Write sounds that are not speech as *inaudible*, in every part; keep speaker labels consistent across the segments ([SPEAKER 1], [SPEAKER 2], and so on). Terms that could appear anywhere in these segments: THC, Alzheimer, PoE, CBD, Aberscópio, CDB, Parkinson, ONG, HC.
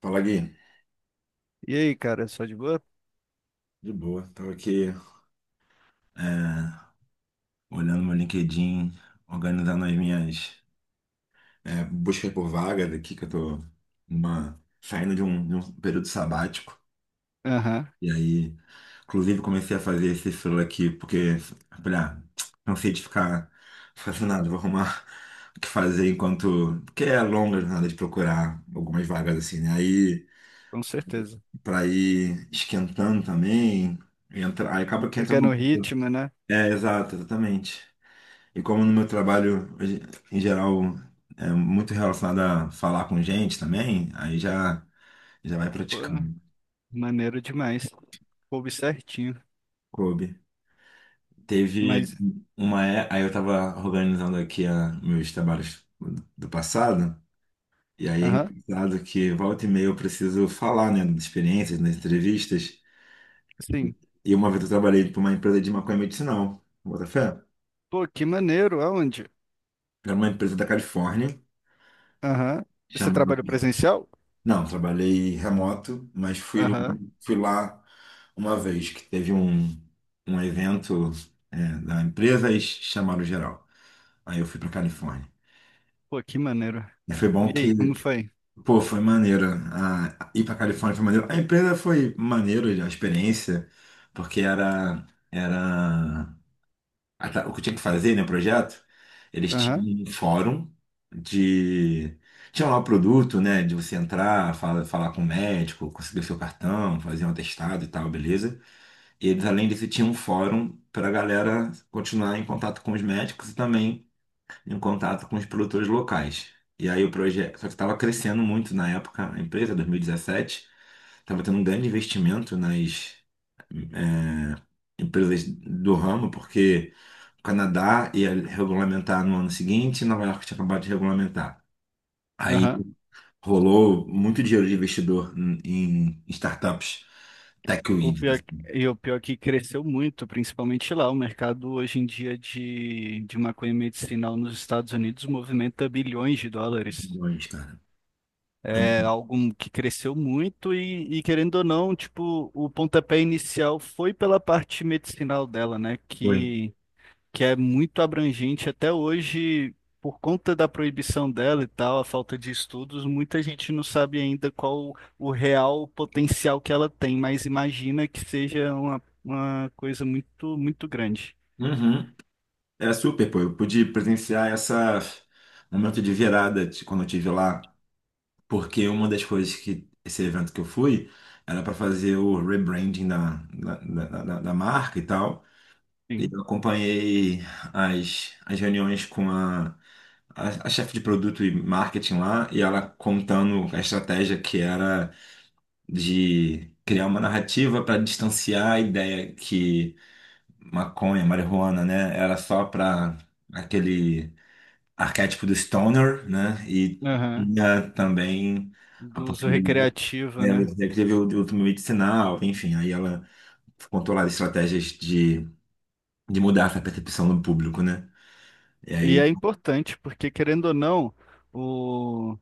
[SPEAKER 1] Fala, Gui.
[SPEAKER 2] E aí, cara, só de boa?
[SPEAKER 1] De boa. Tava aqui é, olhando meu LinkedIn, organizando as minhas buscas por vagas aqui, que eu tô saindo de um período sabático.
[SPEAKER 2] Aham,
[SPEAKER 1] E aí, inclusive, comecei a fazer esse selo aqui, porque falei, ah, não sei, de ficar fascinado, vou arrumar o que fazer enquanto. Porque é longa a jornada de procurar algumas vagas, assim, né? Aí,
[SPEAKER 2] com certeza.
[SPEAKER 1] pra ir esquentando também, aí acaba que entra
[SPEAKER 2] Pegando o
[SPEAKER 1] no.
[SPEAKER 2] ritmo, né?
[SPEAKER 1] É, exato, exatamente. E como no meu trabalho, hoje, em geral, é muito relacionado a falar com gente também, aí já vai
[SPEAKER 2] Pô,
[SPEAKER 1] praticando.
[SPEAKER 2] maneiro demais. Coube certinho.
[SPEAKER 1] Coube. Teve
[SPEAKER 2] Mas,
[SPEAKER 1] uma. Aí eu tava organizando aqui meus trabalhos do passado, e aí é
[SPEAKER 2] aham,
[SPEAKER 1] engraçado que volta e meia eu preciso falar, né, das experiências, nas entrevistas.
[SPEAKER 2] sim.
[SPEAKER 1] E uma vez eu trabalhei para uma empresa de maconha medicinal, bota fé?
[SPEAKER 2] Pô, que maneiro, aonde?
[SPEAKER 1] Era uma empresa da Califórnia,
[SPEAKER 2] Aham. Você
[SPEAKER 1] chamada.
[SPEAKER 2] trabalha presencial?
[SPEAKER 1] Não, trabalhei remoto, mas
[SPEAKER 2] Aham.
[SPEAKER 1] fui lá uma vez que teve um evento da empresa e chamaram geral. Aí eu fui para Califórnia.
[SPEAKER 2] Pô, que maneiro.
[SPEAKER 1] E foi
[SPEAKER 2] E
[SPEAKER 1] bom que,
[SPEAKER 2] aí, como foi?
[SPEAKER 1] pô, foi maneiro. A, ir para Califórnia foi maneiro. A empresa foi maneiro, a experiência, porque era. Ah, tá. O que eu tinha que fazer, né, projeto? Eles
[SPEAKER 2] Aham,
[SPEAKER 1] tinham um fórum de. Tinha lá o produto, né, de você entrar, falar com o médico, conseguir o seu cartão, fazer um atestado e tal, beleza? E eles, além disso, tinham um fórum para a galera continuar em contato com os médicos e também em contato com os produtores locais. E aí o projeto. Só que estava crescendo muito na época, a empresa, 2017, estava tendo um grande investimento nas. eh, empresas do ramo, porque o Canadá ia regulamentar no ano seguinte, Nova York tinha acabado de regulamentar. Aí
[SPEAKER 2] aham.
[SPEAKER 1] rolou muito dinheiro de investidor em startups, tech
[SPEAKER 2] O
[SPEAKER 1] weed, né?
[SPEAKER 2] pior, o pior que cresceu muito, principalmente lá. O mercado hoje em dia de maconha medicinal nos Estados Unidos movimenta bilhões de dólares.
[SPEAKER 1] Milhões, cara.
[SPEAKER 2] É algo que cresceu muito e, querendo ou não, tipo, o pontapé inicial foi pela parte medicinal dela, né?
[SPEAKER 1] Foi.
[SPEAKER 2] Que é muito abrangente até hoje, por conta da proibição dela e tal, a falta de estudos, muita gente não sabe ainda qual o real potencial que ela tem, mas imagina que seja uma coisa muito, muito grande.
[SPEAKER 1] Uhum. É super, pô. Eu pude presenciar essa momento de virada de quando eu tive lá, porque uma das coisas que esse evento que eu fui era para fazer o rebranding da marca e tal. E
[SPEAKER 2] Sim.
[SPEAKER 1] eu acompanhei as reuniões com a chefe de produto e marketing lá, e ela contando a estratégia que era de criar uma narrativa para distanciar a ideia que maconha, marijuana, né, era só para aquele arquétipo do stoner, né, e
[SPEAKER 2] Aham.
[SPEAKER 1] tinha também a
[SPEAKER 2] Do uso
[SPEAKER 1] possibilidade,
[SPEAKER 2] recreativo,
[SPEAKER 1] né,
[SPEAKER 2] né?
[SPEAKER 1] de teve o uso medicinal, enfim, aí ela contou lá estratégias de mudar essa percepção do público, né, e
[SPEAKER 2] E
[SPEAKER 1] aí
[SPEAKER 2] é importante, porque querendo ou não, o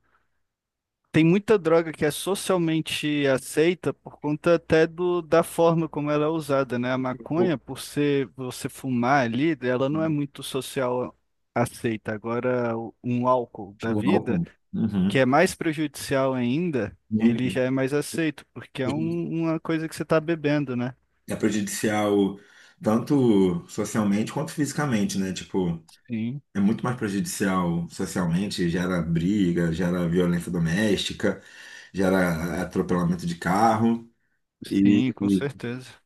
[SPEAKER 2] tem muita droga que é socialmente aceita por conta até da forma como ela é usada, né? A
[SPEAKER 1] o
[SPEAKER 2] maconha, por ser você fumar ali, ela não é muito social aceita. Agora, um álcool da
[SPEAKER 1] o
[SPEAKER 2] vida,
[SPEAKER 1] álcool,
[SPEAKER 2] que
[SPEAKER 1] uhum,
[SPEAKER 2] é mais prejudicial ainda, ele
[SPEAKER 1] muito.
[SPEAKER 2] já é mais aceito, porque é uma coisa que você está bebendo, né?
[SPEAKER 1] É prejudicial tanto socialmente quanto fisicamente, né? Tipo,
[SPEAKER 2] Sim,
[SPEAKER 1] é muito mais prejudicial socialmente, gera briga, gera violência doméstica, gera atropelamento de carro.
[SPEAKER 2] sim,
[SPEAKER 1] E
[SPEAKER 2] com
[SPEAKER 1] e
[SPEAKER 2] certeza.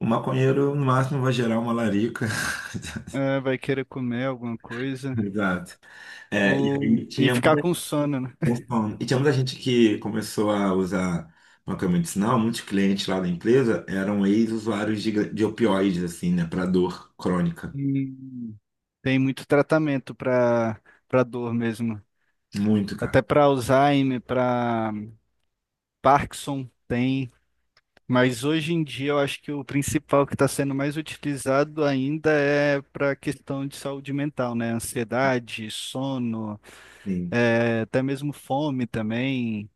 [SPEAKER 1] o maconheiro, no máximo, vai gerar uma larica. *laughs*
[SPEAKER 2] É, vai querer comer alguma coisa
[SPEAKER 1] Exato. É, e
[SPEAKER 2] ou
[SPEAKER 1] aí
[SPEAKER 2] e
[SPEAKER 1] tinha
[SPEAKER 2] ficar
[SPEAKER 1] muita,
[SPEAKER 2] com sono, né?
[SPEAKER 1] vamos falando, e tinha muita gente que começou a usar maconha medicinal, muitos clientes lá da empresa eram ex-usuários de opioides, assim, né, para dor crônica.
[SPEAKER 2] *laughs* Tem muito tratamento para para dor mesmo.
[SPEAKER 1] Muito,
[SPEAKER 2] Até
[SPEAKER 1] cara.
[SPEAKER 2] para Alzheimer, para Parkinson tem. Mas hoje em dia eu acho que o principal que está sendo mais utilizado ainda é para a questão de saúde mental, né? Ansiedade, sono,
[SPEAKER 1] Sim.
[SPEAKER 2] até mesmo fome também.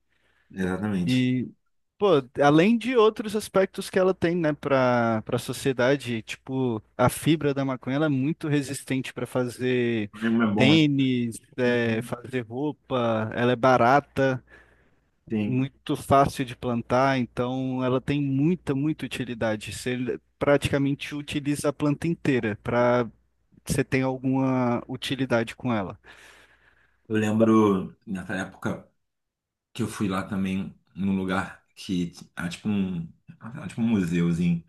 [SPEAKER 1] Exatamente.
[SPEAKER 2] E pô, além de outros aspectos que ela tem, né, para para a sociedade, tipo, a fibra da maconha, ela é muito resistente para fazer
[SPEAKER 1] Lembro, é bom, né?
[SPEAKER 2] tênis, é,
[SPEAKER 1] Uhum.
[SPEAKER 2] fazer roupa, ela é barata,
[SPEAKER 1] Sim.
[SPEAKER 2] muito fácil de plantar, então ela tem muita, muita utilidade. Você praticamente utiliza a planta inteira para você ter alguma utilidade com ela.
[SPEAKER 1] Eu lembro nessa época que eu fui lá também num lugar que era tipo um museuzinho.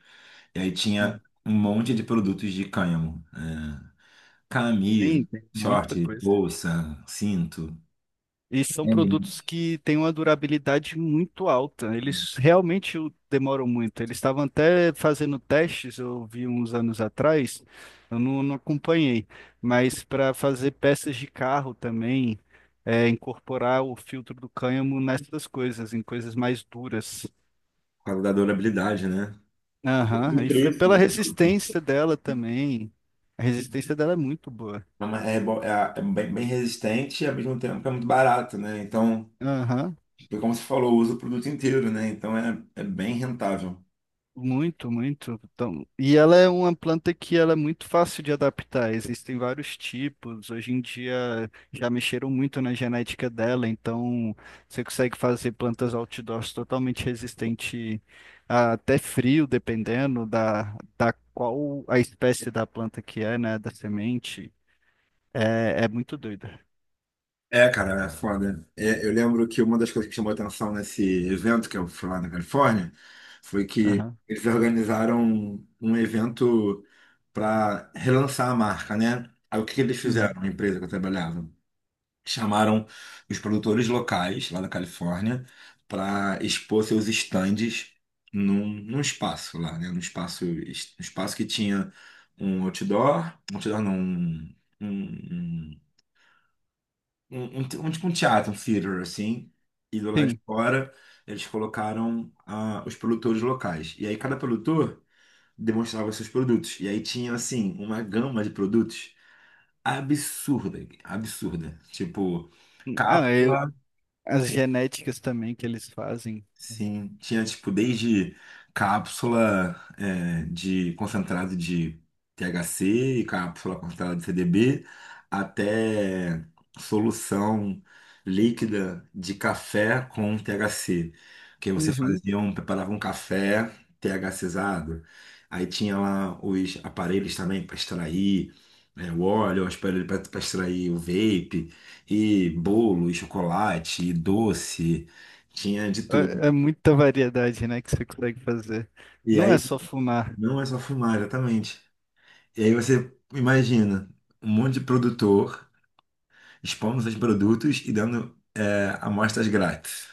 [SPEAKER 1] E aí tinha um monte de produtos de cânhamo. Camisa,
[SPEAKER 2] Tem, tem muita
[SPEAKER 1] short,
[SPEAKER 2] coisa.
[SPEAKER 1] bolsa, cinto.
[SPEAKER 2] E são
[SPEAKER 1] É
[SPEAKER 2] produtos
[SPEAKER 1] isso.
[SPEAKER 2] que têm uma durabilidade muito alta. Eles realmente demoram muito. Eles estavam até fazendo testes, eu vi uns anos atrás, eu não, não acompanhei, mas para fazer peças de carro também, é, incorporar o filtro do cânhamo nessas coisas, em coisas mais duras.
[SPEAKER 1] Por causa da durabilidade, né? E
[SPEAKER 2] Aham,
[SPEAKER 1] o
[SPEAKER 2] e foi
[SPEAKER 1] preço,
[SPEAKER 2] pela
[SPEAKER 1] né?
[SPEAKER 2] resistência dela também. A resistência dela é muito boa.
[SPEAKER 1] É bem, bem resistente e ao mesmo tempo é muito barato, né? Então,
[SPEAKER 2] Aham.
[SPEAKER 1] como você falou, usa o produto inteiro, né? Então é bem rentável.
[SPEAKER 2] Muito, muito. Então, e ela é uma planta que ela é muito fácil de adaptar. Existem vários tipos. Hoje em dia já mexeram muito na genética dela, então você consegue fazer plantas outdoors totalmente resistente a até frio, dependendo da qual a espécie da planta que é, né? Da semente. É, é muito doida.
[SPEAKER 1] É, cara, é foda. É, eu lembro que uma das coisas que chamou atenção nesse evento que eu fui lá na Califórnia foi que
[SPEAKER 2] Aham.
[SPEAKER 1] eles organizaram um evento para relançar a marca, né? Aí o que que eles
[SPEAKER 2] Uhum.
[SPEAKER 1] fizeram, a empresa que eu trabalhava? Chamaram os produtores locais lá da Califórnia para expor seus estandes num espaço lá, né? Num espaço, um espaço que tinha um outdoor não, um- um tipo um teatro, um theater, assim, e do lado de
[SPEAKER 2] Sim.
[SPEAKER 1] fora eles colocaram os produtores locais. E aí cada produtor demonstrava seus produtos. E aí tinha, assim, uma gama de produtos absurda, absurda. Tipo,
[SPEAKER 2] Ah, eu,
[SPEAKER 1] cápsula.
[SPEAKER 2] as genéticas também que eles fazem.
[SPEAKER 1] Sim, tinha tipo desde cápsula de concentrado de THC e cápsula concentrada de CDB até solução líquida de café com THC, que você
[SPEAKER 2] Uhum.
[SPEAKER 1] preparava um café THCizado. Aí tinha lá os aparelhos também para extrair o óleo, os aparelhos para extrair o vape, e bolo, e chocolate, e doce, tinha de
[SPEAKER 2] É, é
[SPEAKER 1] tudo.
[SPEAKER 2] muita variedade, né, que você consegue fazer.
[SPEAKER 1] E
[SPEAKER 2] Não é
[SPEAKER 1] aí
[SPEAKER 2] só fumar.
[SPEAKER 1] não é só fumar, exatamente. E aí você imagina um monte de produtor expondo seus produtos e dando amostras grátis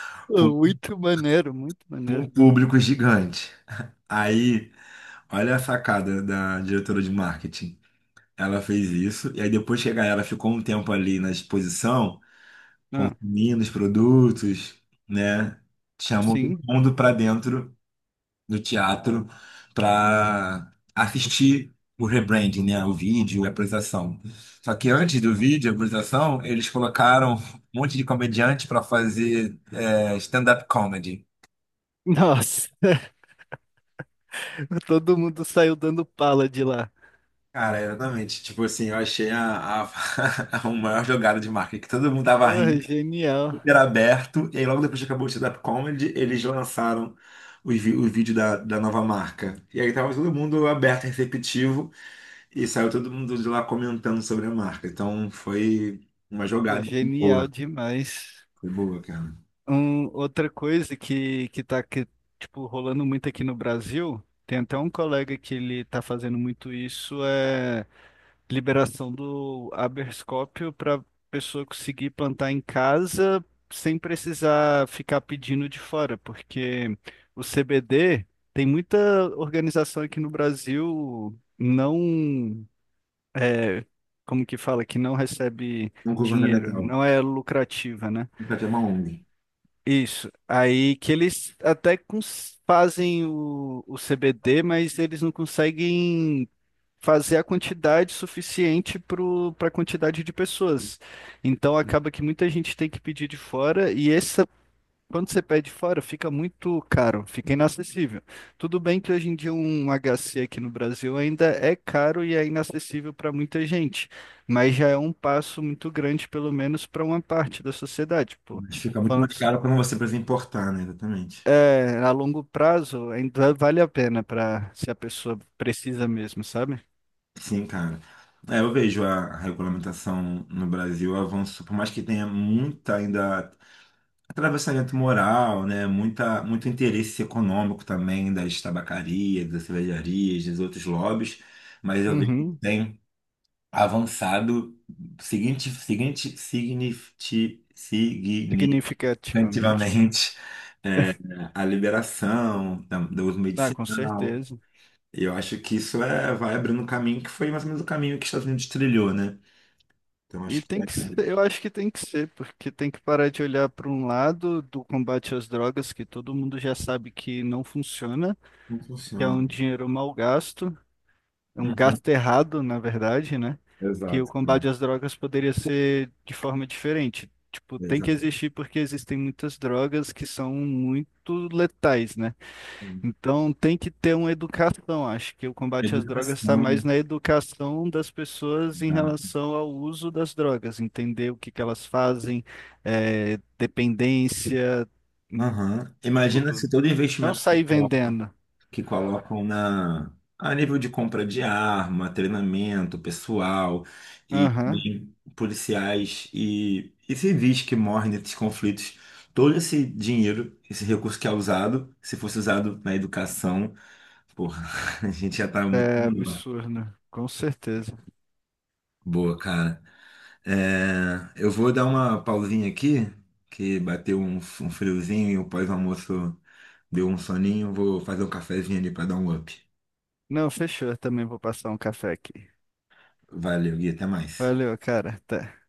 [SPEAKER 1] *laughs* para
[SPEAKER 2] Pô,
[SPEAKER 1] um,
[SPEAKER 2] muito maneiro, muito
[SPEAKER 1] pra
[SPEAKER 2] maneiro.
[SPEAKER 1] um público gigante. Aí, olha a sacada da diretora de marketing. Ela fez isso, e aí depois que a galera ficou um tempo ali na exposição,
[SPEAKER 2] Ah,
[SPEAKER 1] consumindo os produtos, né? Chamou todo
[SPEAKER 2] sim.
[SPEAKER 1] mundo para dentro no teatro para assistir o rebranding, né? O vídeo, a apresentação. Só que antes do vídeo, a apresentação, eles colocaram um monte de comediante para fazer stand-up comedy.
[SPEAKER 2] Nossa, *laughs* todo mundo saiu dando pala de lá.
[SPEAKER 1] Cara, exatamente. Tipo assim, eu achei *laughs* a maior jogada de marketing, que todo mundo tava
[SPEAKER 2] Porra,
[SPEAKER 1] rindo,
[SPEAKER 2] genial.
[SPEAKER 1] era aberto, e aí logo depois que acabou o stand-up comedy, eles lançaram o vídeo da nova marca. E aí tava todo mundo aberto, receptivo. E saiu todo mundo de lá comentando sobre a marca. Então foi uma
[SPEAKER 2] Pô,
[SPEAKER 1] jogada assim,
[SPEAKER 2] genial
[SPEAKER 1] boa.
[SPEAKER 2] demais.
[SPEAKER 1] Foi boa, cara.
[SPEAKER 2] Um, outra coisa tipo, rolando muito aqui no Brasil, tem até um colega que ele tá fazendo muito isso, é liberação do Aberscópio para pessoa conseguir plantar em casa sem precisar ficar pedindo de fora, porque o CBD tem muita organização aqui no Brasil não é, como que fala, que não recebe
[SPEAKER 1] Não
[SPEAKER 2] dinheiro,
[SPEAKER 1] governamental.
[SPEAKER 2] não é lucrativa, né?
[SPEAKER 1] Nunca tinha uma ONG.
[SPEAKER 2] Isso. Aí que eles fazem o CBD, mas eles não conseguem fazer a quantidade suficiente para a quantidade de pessoas. Então acaba que muita gente tem que pedir de fora e essa, quando você pede fora, fica muito caro, fica inacessível. Tudo bem que hoje em dia um HC aqui no Brasil ainda é caro e é inacessível para muita gente, mas já é um passo muito grande, pelo menos para uma parte da sociedade, pô.
[SPEAKER 1] Mas fica muito
[SPEAKER 2] Falando
[SPEAKER 1] mais caro quando você precisa importar, né? Exatamente.
[SPEAKER 2] é, a longo prazo ainda vale a pena para se a pessoa precisa mesmo, sabe?
[SPEAKER 1] Sim, cara. É, eu vejo, a regulamentação no Brasil avançou, por mais que tenha muita ainda atravessamento moral, né? Muita, muito interesse econômico também das tabacarias, das cervejarias, dos outros lobbies, mas eu vejo que
[SPEAKER 2] Uhum.
[SPEAKER 1] tem avançado, significativamente
[SPEAKER 2] Significativamente.
[SPEAKER 1] a liberação do uso
[SPEAKER 2] Ah, com
[SPEAKER 1] medicinal.
[SPEAKER 2] certeza.
[SPEAKER 1] E eu acho que isso vai abrindo um caminho que foi mais ou menos o caminho que os Estados Unidos trilhou, né? Então
[SPEAKER 2] E
[SPEAKER 1] acho que
[SPEAKER 2] tem
[SPEAKER 1] é
[SPEAKER 2] que ser, eu acho que tem que ser, porque tem que parar de olhar para um lado do combate às drogas, que todo mundo já sabe que não funciona,
[SPEAKER 1] como
[SPEAKER 2] que é
[SPEAKER 1] funciona.
[SPEAKER 2] um dinheiro mal gasto, é um
[SPEAKER 1] Uhum.
[SPEAKER 2] gasto errado, na verdade, né? Que o
[SPEAKER 1] Exato,
[SPEAKER 2] combate
[SPEAKER 1] sim.
[SPEAKER 2] às drogas poderia ser de forma diferente. Tipo, tem que
[SPEAKER 1] Exato.
[SPEAKER 2] existir porque existem muitas drogas que são muito letais, né?
[SPEAKER 1] Sim.
[SPEAKER 2] Então tem que ter uma educação. Acho que o combate às drogas está mais
[SPEAKER 1] Educação.
[SPEAKER 2] na educação das pessoas em
[SPEAKER 1] Tá?
[SPEAKER 2] relação ao uso das drogas, entender o que que elas fazem, eh, dependência, em
[SPEAKER 1] Aham. Imagina
[SPEAKER 2] tudo.
[SPEAKER 1] se todo
[SPEAKER 2] Não
[SPEAKER 1] investimento
[SPEAKER 2] sair vendendo.
[SPEAKER 1] que colocam na a nível de compra de arma, treinamento pessoal e
[SPEAKER 2] Aham,
[SPEAKER 1] também policiais e civis que morrem nesses conflitos. Todo esse dinheiro, esse recurso que é usado, se fosse usado na educação, porra, *laughs* a gente já tá muito
[SPEAKER 2] é
[SPEAKER 1] melhor.
[SPEAKER 2] absurdo, com certeza.
[SPEAKER 1] Boa, cara. É, eu vou dar uma pausinha aqui, que bateu um friozinho e o pós-almoço deu um soninho. Vou fazer um cafezinho ali pra dar um up.
[SPEAKER 2] Não, fechou. Eu também vou passar um café aqui.
[SPEAKER 1] Valeu, Gui, até mais.
[SPEAKER 2] Valeu, cara. Até.